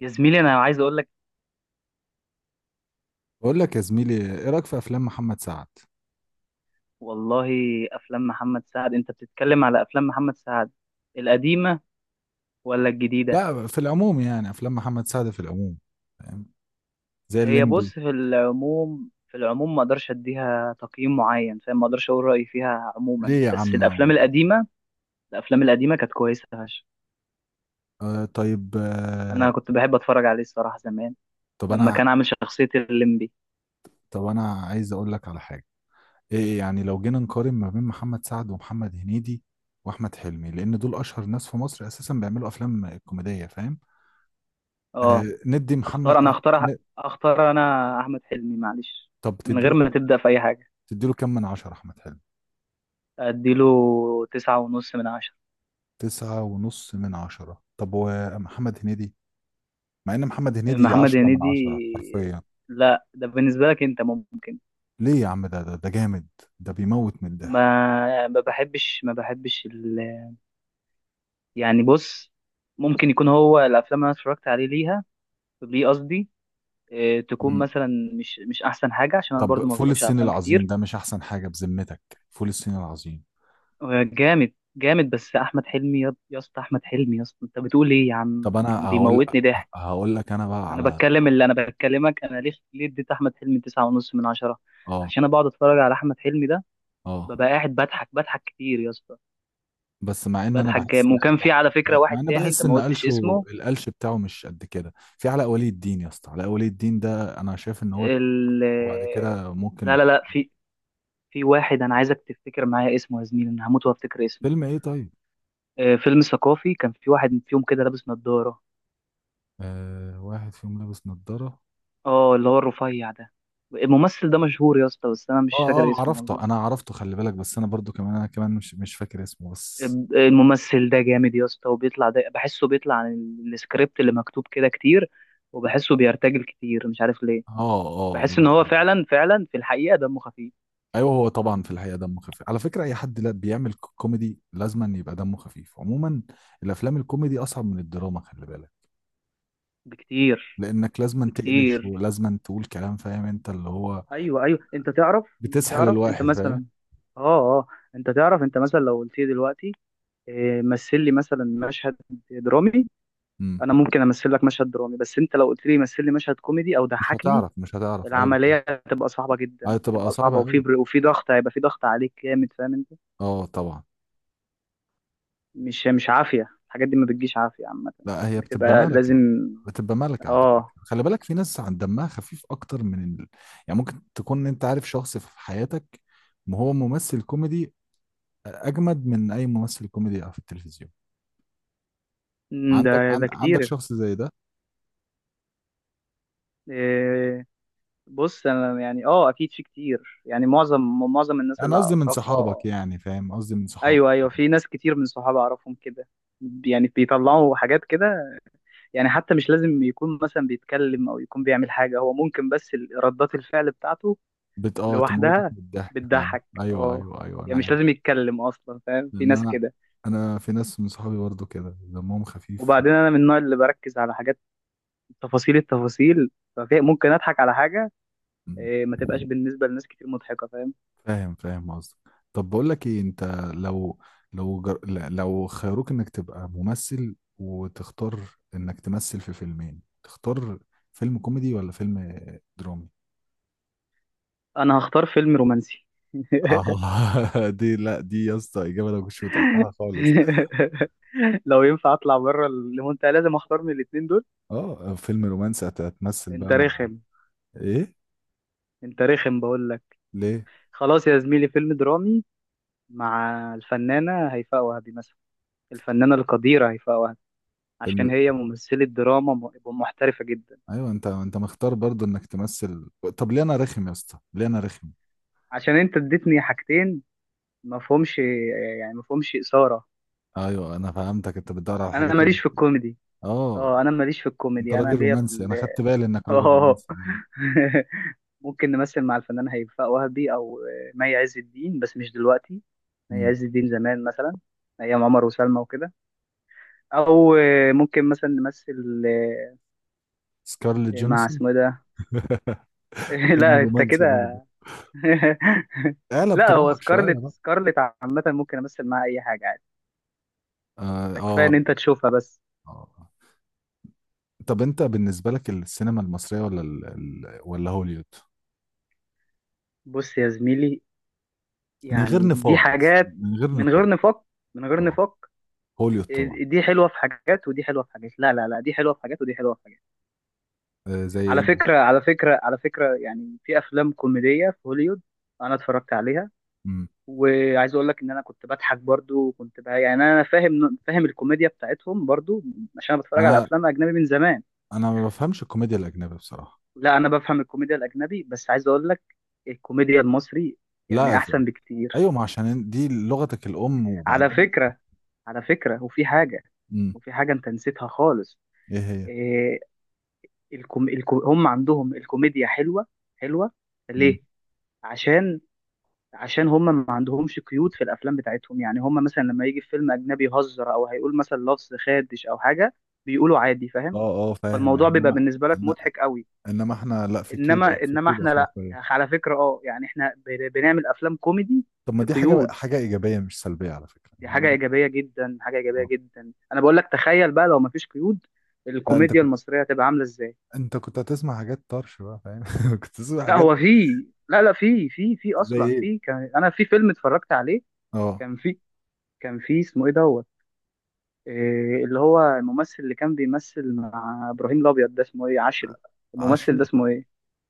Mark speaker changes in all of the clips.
Speaker 1: يا زميلي، انا عايز اقول لك.
Speaker 2: بقول لك يا زميلي، ايه رايك في افلام محمد سعد؟
Speaker 1: والله، افلام محمد سعد، انت بتتكلم على افلام محمد سعد القديمه ولا الجديده؟
Speaker 2: لا، في العموم يعني افلام محمد سعد في العموم، فاهم، زي
Speaker 1: هي بص،
Speaker 2: الليمبي.
Speaker 1: في العموم ما اقدرش اديها تقييم معين، فاهم؟ ما اقدرش اقول رايي فيها عموما،
Speaker 2: ليه يا
Speaker 1: بس
Speaker 2: عم؟
Speaker 1: الافلام القديمه. الافلام القديمه كانت كويسه فشخ.
Speaker 2: آه، طيب،
Speaker 1: انا
Speaker 2: آه.
Speaker 1: كنت بحب اتفرج عليه الصراحه زمان
Speaker 2: طب
Speaker 1: لما
Speaker 2: انا
Speaker 1: كان عامل شخصيه الليمبي.
Speaker 2: طب انا عايز اقول لك على حاجه. ايه يعني لو جينا نقارن ما بين محمد سعد ومحمد هنيدي واحمد حلمي، لان دول اشهر ناس في مصر اساسا بيعملوا افلام كوميديه، فاهم؟
Speaker 1: اه،
Speaker 2: ندي محمد
Speaker 1: اختار انا اختار، اختار انا احمد حلمي، معلش،
Speaker 2: طب
Speaker 1: من غير
Speaker 2: تديله
Speaker 1: ما
Speaker 2: كام
Speaker 1: تبدا في اي حاجه.
Speaker 2: تديله كام من عشرة احمد حلمي.
Speaker 1: اديله 9.5 من 10.
Speaker 2: تسعة ونص من عشرة. طب ومحمد هنيدي؟ مع ان محمد هنيدي
Speaker 1: محمد
Speaker 2: 10 من
Speaker 1: هنيدي؟
Speaker 2: 10 حرفيا.
Speaker 1: لا، ده بالنسبة لك انت ممكن.
Speaker 2: ليه يا عم؟ ده جامد، ده بيموت من الضحك.
Speaker 1: ما بحبش يعني بص، ممكن يكون هو الافلام اللي انا اتفرجت عليه ليها، ليه قصدي، اه، تكون
Speaker 2: مم.
Speaker 1: مثلا مش احسن حاجة عشان انا برضو
Speaker 2: طب
Speaker 1: ما
Speaker 2: فول
Speaker 1: بتفرجش على
Speaker 2: الصين
Speaker 1: افلام
Speaker 2: العظيم
Speaker 1: كتير.
Speaker 2: ده مش احسن حاجة بذمتك؟ فول الصين العظيم.
Speaker 1: اه، جامد جامد، بس احمد حلمي، يا اسطى، احمد حلمي يا اسطى، انت بتقول ايه يا
Speaker 2: طب
Speaker 1: عم؟
Speaker 2: انا
Speaker 1: كان
Speaker 2: هقول
Speaker 1: بيموتني ضحك.
Speaker 2: هقول لك انا بقى
Speaker 1: انا
Speaker 2: على
Speaker 1: بتكلم، اللي انا بكلمك انا، ليه اديت احمد حلمي 9.5 من 10؟
Speaker 2: اه
Speaker 1: عشان انا بقعد اتفرج على احمد حلمي ده،
Speaker 2: اه
Speaker 1: ببقى قاعد بضحك كتير يا اسطى.
Speaker 2: بس
Speaker 1: بدر حجام، وكان في على فكرة واحد
Speaker 2: مع ان
Speaker 1: تاني انت
Speaker 2: بحس
Speaker 1: ما
Speaker 2: ان
Speaker 1: قلتش
Speaker 2: قلشه،
Speaker 1: اسمه.
Speaker 2: القلش بتاعه مش قد كده. في علاء ولي الدين يا اسطى، علاء ولي الدين ده انا شايف ان هو...
Speaker 1: ال...
Speaker 2: وبعد كده ممكن
Speaker 1: لا لا،
Speaker 2: نحط...
Speaker 1: لا في واحد انا عايزك تفتكر معايا اسمه يا زميلي، انا هموت وافتكر اسمه.
Speaker 2: فيلم ايه طيب؟
Speaker 1: آه، فيلم ثقافي، كان في واحد فيهم كده لابس نظارة،
Speaker 2: آه، واحد فيهم لابس نظارة.
Speaker 1: اه اللي هو الرفيع ده. الممثل ده مشهور يا اسطى، بس انا مش
Speaker 2: اه،
Speaker 1: فاكر
Speaker 2: اه،
Speaker 1: اسمه
Speaker 2: عرفته،
Speaker 1: والله.
Speaker 2: انا عرفته، خلي بالك، بس انا برضو كمان، انا كمان مش فاكر اسمه بس.
Speaker 1: الممثل ده جامد يا اسطى، وبيطلع ده، بحسه بيطلع عن السكريبت اللي مكتوب كده كتير، وبحسه بيرتجل كتير، مش عارف ليه.
Speaker 2: اه، اه، آه،
Speaker 1: بحس ان
Speaker 2: ده
Speaker 1: هو
Speaker 2: حقيقي.
Speaker 1: فعلا فعلا في الحقيقة دمه خفيف.
Speaker 2: ايوه هو طبعا في الحقيقه دمه خفيف، على فكره اي حد لا بيعمل كوميدي لازما يبقى دمه خفيف عموما. الافلام الكوميدي اصعب من الدراما، خلي بالك.
Speaker 1: بكتير.
Speaker 2: لانك لازما تقلش
Speaker 1: بكتير.
Speaker 2: ولازما تقول كلام، فاهم انت اللي هو
Speaker 1: ايوه، ايوه، انت تعرف، انت
Speaker 2: بتسحل
Speaker 1: تعرف، انت
Speaker 2: الواحد، فاهم؟
Speaker 1: مثلا، اه، اه، انت تعرف، انت مثلا لو قلت لي دلوقتي، إيه، مثل لي مثلا مشهد درامي.
Speaker 2: امم
Speaker 1: انا ممكن امثل لك مشهد درامي، بس انت لو قلت لي مثل لي مشهد كوميدي او
Speaker 2: مش
Speaker 1: ضحكني،
Speaker 2: هتعرف، مش هتعرف، ايوه فاهم.
Speaker 1: العمليه هتبقى صعبه جدا،
Speaker 2: ايوه تبقى
Speaker 1: هتبقى صعبه،
Speaker 2: صعبه قوي.
Speaker 1: وفي ضغط، هيبقى في ضغط عليك جامد، فاهم انت؟
Speaker 2: اه طبعا.
Speaker 1: مش عافيه الحاجات دي، ما بتجيش عافيه عامه.
Speaker 2: لا هي بتبقى
Speaker 1: بتبقى
Speaker 2: ملكة،
Speaker 1: لازم.
Speaker 2: بتبقى ملكة على فكرة.
Speaker 1: اه.
Speaker 2: خلي بالك في ناس عن دمها خفيف أكتر من يعني ممكن تكون أنت عارف شخص في حياتك ما هو ممثل كوميدي أجمد من أي ممثل كوميدي في التلفزيون.
Speaker 1: ده ده كتير.
Speaker 2: عندك شخص زي ده؟
Speaker 1: آه، بص انا يعني، اكيد في كتير، يعني معظم الناس
Speaker 2: أنا
Speaker 1: اللي
Speaker 2: قصدي من صحابك،
Speaker 1: اعرفها.
Speaker 2: يعني فاهم قصدي من صحابك.
Speaker 1: ايوه، ايوه، في ناس كتير من صحابي اعرفهم كده. يعني بيطلعوا حاجات كده. يعني حتى مش لازم يكون مثلا بيتكلم او يكون بيعمل حاجه، هو ممكن بس ردات الفعل بتاعته
Speaker 2: بت آه تموتك
Speaker 1: لوحدها
Speaker 2: من الضحك، فاهم.
Speaker 1: بتضحك،
Speaker 2: أيوه،
Speaker 1: اه.
Speaker 2: أيوه، أيوه، أنا
Speaker 1: يعني مش
Speaker 2: عارف.
Speaker 1: لازم يتكلم اصلا، فاهم؟ في
Speaker 2: لأن
Speaker 1: ناس
Speaker 2: أنا،
Speaker 1: كده.
Speaker 2: في ناس من صحابي برضه كده دمهم خفيف.
Speaker 1: وبعدين انا من النوع اللي بركز على حاجات، تفاصيل، التفاصيل. ففي ممكن اضحك على حاجه،
Speaker 2: و...
Speaker 1: إيه، ما تبقاش بالنسبه لناس كتير مضحكه، فاهم؟
Speaker 2: فاهم، فاهم قصدك. طب بقول لك ايه، انت لو لو خيروك انك تبقى ممثل وتختار انك تمثل في فيلمين، تختار فيلم كوميدي ولا فيلم درامي؟
Speaker 1: انا هختار فيلم رومانسي.
Speaker 2: اه دي لا، دي يا اسطى اجابه انا ما كنتش متوقعها خالص.
Speaker 1: لو ينفع اطلع بره المنتهى لازم اختار من الاتنين دول.
Speaker 2: اه، فيلم رومانسي، هتمثل
Speaker 1: انت
Speaker 2: بقى مع؟
Speaker 1: رخم.
Speaker 2: ايه؟
Speaker 1: انت رخم بقول لك.
Speaker 2: ليه؟
Speaker 1: خلاص يا زميلي، فيلم درامي، مع الفنانه هيفاء وهبي مثلا، الفنانه القديره هيفاء وهبي، عشان
Speaker 2: فيلم؟
Speaker 1: هي ممثله دراما محترفه جدا.
Speaker 2: ايوه، انت مختار برضو انك تمثل. طب ليه انا رخم يا اسطى؟ ليه انا رخم؟
Speaker 1: عشان انت اديتني حاجتين، ما فهمش، يعني ما فهمش اثاره.
Speaker 2: ايوه انا فهمتك، انت بتدور على حاجه
Speaker 1: انا
Speaker 2: تانية.
Speaker 1: ماليش في الكوميدي.
Speaker 2: اه،
Speaker 1: اه، انا ماليش في
Speaker 2: انت
Speaker 1: الكوميدي، انا
Speaker 2: راجل
Speaker 1: ليا في
Speaker 2: رومانسي، انا خدت بالي انك راجل
Speaker 1: اه،
Speaker 2: رومانسي، ايوه.
Speaker 1: ممكن نمثل مع الفنان هيفاء وهبي او آه، مي عز الدين، بس مش دلوقتي. مي
Speaker 2: امم
Speaker 1: عز الدين زمان مثلا، ايام عمر وسلمى وكده. او ممكن مثلا نمثل
Speaker 2: سكارليت
Speaker 1: مع
Speaker 2: جونسون.
Speaker 1: اسمه إيه ده.
Speaker 2: فيلم
Speaker 1: لا انت
Speaker 2: رومانسي
Speaker 1: كده.
Speaker 2: برضه؟ اعلى
Speaker 1: لا، هو
Speaker 2: بطموحك شويه
Speaker 1: سكارلت،
Speaker 2: بقى.
Speaker 1: سكارلت عامة ممكن امثل معاها اي حاجة عادي.
Speaker 2: اه،
Speaker 1: ده كفاية
Speaker 2: اه،
Speaker 1: ان انت تشوفها بس.
Speaker 2: آه. طب انت بالنسبه لك، السينما المصريه ولا ولا هوليوود؟
Speaker 1: بص يا زميلي،
Speaker 2: من غير
Speaker 1: يعني دي
Speaker 2: نفاق، بس
Speaker 1: حاجات.
Speaker 2: من غير
Speaker 1: من
Speaker 2: نفاق.
Speaker 1: غير نفاق. من غير
Speaker 2: اه،
Speaker 1: نفاق.
Speaker 2: هوليوود طبعا.
Speaker 1: آه، دي حلوة في حاجات ودي حلوة في حاجات. لا لا لا، دي حلوة في حاجات ودي حلوة في حاجات.
Speaker 2: آه، زي
Speaker 1: على
Speaker 2: ايه مثلا؟
Speaker 1: فكرة على فكرة على فكرة يعني في أفلام كوميدية في هوليوود أنا اتفرجت عليها.
Speaker 2: مم.
Speaker 1: وعايز أقول لك إن أنا كنت بضحك برضو، وكنت بقى يعني أنا فاهم الكوميديا بتاعتهم برضو، عشان أنا بتفرج على
Speaker 2: انا
Speaker 1: أفلام أجنبي من زمان.
Speaker 2: انا ما بفهمش الكوميديا الاجنبيه بصراحه.
Speaker 1: لا، أنا بفهم الكوميديا الأجنبي، بس عايز أقول لك، الكوميديا المصري يعني
Speaker 2: لا،
Speaker 1: أحسن
Speaker 2: ايوه،
Speaker 1: بكتير.
Speaker 2: ما عشان دي لغتك الام،
Speaker 1: على
Speaker 2: وبعدين.
Speaker 1: فكرة على فكرة وفي حاجة
Speaker 2: مم.
Speaker 1: وفي حاجة أنت نسيتها خالص.
Speaker 2: ايه هي؟
Speaker 1: إيه، هم عندهم الكوميديا حلوة. حلوة
Speaker 2: مم.
Speaker 1: ليه؟ عشان عشان هم ما عندهمش قيود في الافلام بتاعتهم، يعني هم مثلا لما يجي في فيلم اجنبي يهزر او هيقول مثلا لفظ خادش او حاجه، بيقولوا عادي، فاهم؟
Speaker 2: اه، اه، فاهم،
Speaker 1: فالموضوع بيبقى
Speaker 2: انما...
Speaker 1: بالنسبه لك
Speaker 2: إنما
Speaker 1: مضحك قوي.
Speaker 2: انما احنا لا، في قيود،
Speaker 1: انما
Speaker 2: في
Speaker 1: انما
Speaker 2: قيود
Speaker 1: احنا لا
Speaker 2: اخلاقيه.
Speaker 1: على فكره، يعني احنا بنعمل افلام كوميدي،
Speaker 2: طب ما
Speaker 1: في
Speaker 2: دي حاجه،
Speaker 1: قيود.
Speaker 2: ايجابيه مش سلبيه على فكره
Speaker 1: دي
Speaker 2: يعني
Speaker 1: حاجه ايجابيه جدا، حاجه ايجابيه
Speaker 2: اه
Speaker 1: جدا، انا بقول لك، تخيل بقى لو ما فيش قيود،
Speaker 2: لا،
Speaker 1: الكوميديا المصريه هتبقى عامله ازاي؟
Speaker 2: انت كنت هتسمع حاجات طرش بقى، فاهم كنت تسمع
Speaker 1: لا،
Speaker 2: حاجات.
Speaker 1: هو في، لا لا، في
Speaker 2: زي
Speaker 1: اصلا،
Speaker 2: ايه.
Speaker 1: في، كان انا في فيلم اتفرجت عليه.
Speaker 2: اه،
Speaker 1: كان في كان في اسمه ايه، دوت، إيه، اللي هو الممثل اللي كان بيمثل مع ابراهيم الابيض ده اسمه ايه، عشري، الممثل ده
Speaker 2: عشري.
Speaker 1: اسمه ايه؟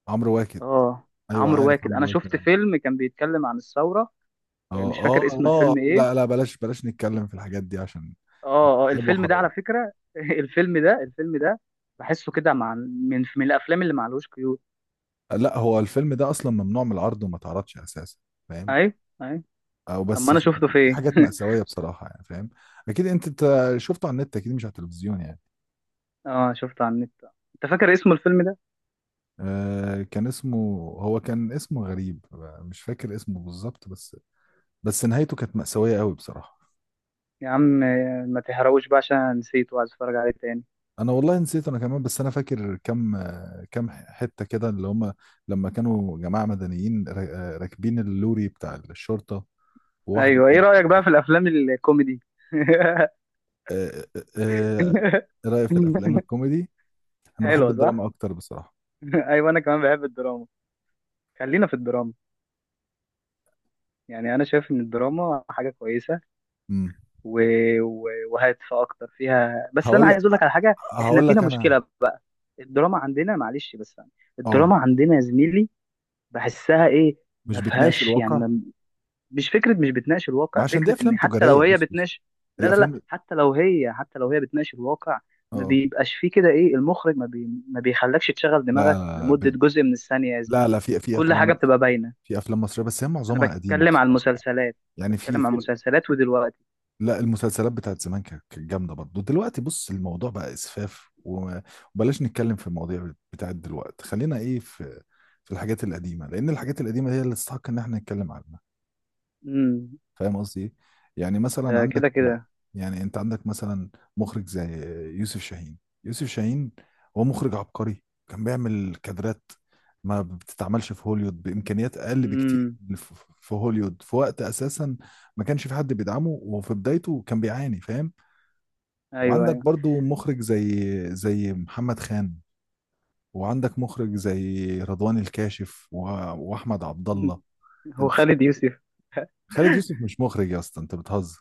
Speaker 2: عمرو واكد.
Speaker 1: اه،
Speaker 2: ايوه
Speaker 1: عمرو
Speaker 2: عارف
Speaker 1: واكد، انا
Speaker 2: عمرو واكد
Speaker 1: شفت
Speaker 2: انا.
Speaker 1: فيلم كان بيتكلم عن الثوره، إيه،
Speaker 2: اه،
Speaker 1: مش
Speaker 2: اه،
Speaker 1: فاكر اسم
Speaker 2: اه،
Speaker 1: الفيلم ايه.
Speaker 2: لا، لا، بلاش، بلاش نتكلم في الحاجات دي عشان
Speaker 1: اه، اه،
Speaker 2: عيب
Speaker 1: الفيلم ده على
Speaker 2: وحرام.
Speaker 1: فكره، الفيلم ده بحسه كده مع من الافلام اللي معلوش قيود.
Speaker 2: لا هو الفيلم ده اصلا ممنوع من العرض وما اتعرضش اساسا، فاهم.
Speaker 1: اي. اي.
Speaker 2: او
Speaker 1: اما
Speaker 2: بس
Speaker 1: انا
Speaker 2: في,
Speaker 1: شفته
Speaker 2: في
Speaker 1: فين؟
Speaker 2: حاجات مأساوية بصراحة يعني، فاهم. اكيد انت، شفته على النت اكيد، مش على التلفزيون يعني.
Speaker 1: اه، شفته على النت. انت فاكر اسم الفيلم ده؟
Speaker 2: آه، كان اسمه... هو كان اسمه غريب، مش فاكر اسمه بالظبط، بس بس نهايته كانت مأساوية قوي بصراحة.
Speaker 1: يا عم، آه، ما تحرقوش بقى عشان أنا نسيت وعايز اتفرج عليه تاني.
Speaker 2: انا والله نسيت، انا كمان، بس انا فاكر كم حتة كده اللي هم، لما كانوا جماعة مدنيين راكبين اللوري بتاع الشرطة. وواحدة
Speaker 1: ايوه، ايه
Speaker 2: كانت...
Speaker 1: رايك بقى في الافلام الكوميدي؟
Speaker 2: آه، آه، آه، إيه رأيك في الافلام الكوميدي. انا بحب
Speaker 1: حلوة،
Speaker 2: الدراما
Speaker 1: صح؟
Speaker 2: اكتر بصراحة.
Speaker 1: أيوة، أنا كمان بحب الدراما. خلينا في الدراما. يعني أنا شايف إن الدراما حاجة كويسة
Speaker 2: امم
Speaker 1: و... وهادفة أكتر فيها، بس أنا
Speaker 2: هقول لك
Speaker 1: عايز أقول لك على حاجة، إحنا
Speaker 2: هقول
Speaker 1: فينا
Speaker 2: لك انا.
Speaker 1: مشكلة بقى. الدراما عندنا، معلش بس يعني،
Speaker 2: اه،
Speaker 1: الدراما عندنا يا زميلي، بحسها إيه،
Speaker 2: مش
Speaker 1: ما
Speaker 2: بتناقش
Speaker 1: فيهاش
Speaker 2: الواقع.
Speaker 1: يعني. مش فكره، مش بتناقش
Speaker 2: ما
Speaker 1: الواقع،
Speaker 2: عشان دي
Speaker 1: فكره
Speaker 2: افلام
Speaker 1: ان حتى لو
Speaker 2: تجارية،
Speaker 1: هي
Speaker 2: بص بص
Speaker 1: بتناقش، لا لا لا،
Speaker 2: الافلام.
Speaker 1: حتى لو هي بتناقش الواقع، ما
Speaker 2: اه،
Speaker 1: بيبقاش فيه كده ايه، المخرج ما بيخلكش تشغل دماغك
Speaker 2: لا
Speaker 1: لمده جزء من الثانيه يا
Speaker 2: لا، لا،
Speaker 1: زميلي،
Speaker 2: في
Speaker 1: كل حاجه
Speaker 2: افلام،
Speaker 1: بتبقى باينه.
Speaker 2: في افلام مصريه بس هي
Speaker 1: انا
Speaker 2: معظمها قديمه
Speaker 1: بتكلم عن
Speaker 2: بصراحه يعني.
Speaker 1: المسلسلات،
Speaker 2: يعني في
Speaker 1: بتكلم عن
Speaker 2: في
Speaker 1: المسلسلات ودلوقتي.
Speaker 2: لا، المسلسلات بتاعت زمان كانت، جامده برضه. دلوقتي بص الموضوع بقى اسفاف وبلاش نتكلم في المواضيع بتاعت دلوقتي. خلينا في، في الحاجات القديمه، لان الحاجات القديمه هي اللي تستحق ان احنا نتكلم عنها.
Speaker 1: امم.
Speaker 2: فاهم قصدي ايه؟ يعني مثلا
Speaker 1: ده
Speaker 2: عندك
Speaker 1: كده كده.
Speaker 2: يعني انت عندك مثلا مخرج زي يوسف شاهين. يوسف شاهين هو مخرج عبقري، كان بيعمل كادرات ما بتتعملش في هوليوود بامكانيات اقل بكتير
Speaker 1: امم.
Speaker 2: من في هوليوود، في وقت اساسا ما كانش في حد بيدعمه، وفي بدايته كان بيعاني، فاهم.
Speaker 1: ايوه،
Speaker 2: وعندك
Speaker 1: ايوه.
Speaker 2: برضو مخرج زي محمد خان. وعندك مخرج زي رضوان الكاشف واحمد عبد الله.
Speaker 1: هو خالد يوسف؟
Speaker 2: خالد يوسف مش مخرج يا اسطى، انت بتهزر.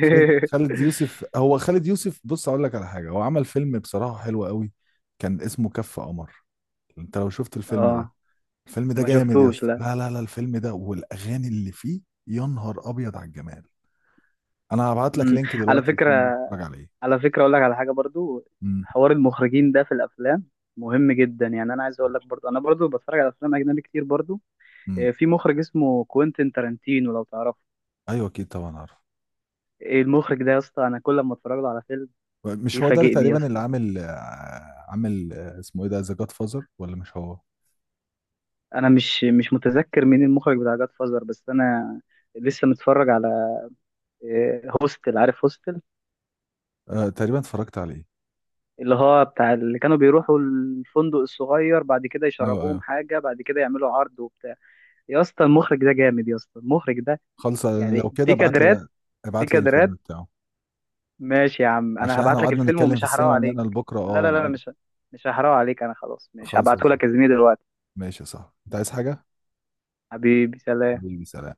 Speaker 2: خالد يوسف، هو خالد يوسف بص اقول لك على حاجه، هو عمل فيلم بصراحه حلو قوي كان اسمه كف قمر. انت لو شفت الفيلم ده،
Speaker 1: اه،
Speaker 2: الفيلم ده
Speaker 1: ما
Speaker 2: جامد يا
Speaker 1: شفتوش،
Speaker 2: اسطى،
Speaker 1: لا.
Speaker 2: لا، لا، لا، الفيلم ده والاغاني اللي فيه، يا نهار ابيض على الجمال. انا هبعت لك
Speaker 1: امم.
Speaker 2: لينك
Speaker 1: على
Speaker 2: دلوقتي،
Speaker 1: فكره
Speaker 2: الفيلم ده اتفرج عليه.
Speaker 1: على فكرة أقول لك على حاجة برضو،
Speaker 2: امم
Speaker 1: حوار المخرجين ده في الأفلام مهم جدا، يعني أنا عايز أقول لك برضو، أنا برضو بتفرج على أفلام أجنبي كتير برضو. آه،
Speaker 2: امم
Speaker 1: في مخرج اسمه كوينتين تارانتينو لو تعرفه،
Speaker 2: ايوه اكيد طبعا عارف.
Speaker 1: إيه المخرج ده يا اسطى، أنا كل ما أتفرج له على فيلم
Speaker 2: مش هو ده اللي
Speaker 1: بيفاجئني يا
Speaker 2: تقريبا اللي
Speaker 1: اسطى.
Speaker 2: عامل اسمه ايه ده، ذا جاد فازر، ولا مش هو؟
Speaker 1: أنا مش متذكر مين المخرج بتاع جاد فازر، بس أنا لسه متفرج على آه، هوستل، عارف هوستل؟
Speaker 2: آه، تقريبا اتفرجت عليه.
Speaker 1: اللي هو بتاع اللي كانوا بيروحوا الفندق الصغير، بعد كده
Speaker 2: ايوه،
Speaker 1: يشربوهم
Speaker 2: ايوه.
Speaker 1: حاجة، بعد كده يعملوا عرض وبتاع. يا اسطى المخرج ده جامد، يا اسطى المخرج ده،
Speaker 2: خلص
Speaker 1: يعني
Speaker 2: لو كده
Speaker 1: في
Speaker 2: ابعت لي بقى،
Speaker 1: كادرات، في
Speaker 2: ابعت لي الفيلم
Speaker 1: كادرات.
Speaker 2: بتاعه،
Speaker 1: ماشي يا عم، انا
Speaker 2: عشان احنا
Speaker 1: هبعت لك
Speaker 2: قعدنا
Speaker 1: الفيلم
Speaker 2: نتكلم في
Speaker 1: ومش هحرقه
Speaker 2: السينما من
Speaker 1: عليك.
Speaker 2: هنا لبكره،
Speaker 1: لا لا لا لا، مش هحرقه عليك، انا خلاص، ماشي،
Speaker 2: خالص يا
Speaker 1: هبعته
Speaker 2: سيدي.
Speaker 1: لك يا زميلي دلوقتي.
Speaker 2: ماشي يا صاحبي، انت عايز حاجه؟
Speaker 1: حبيبي، سلام.
Speaker 2: حبيبي سلام.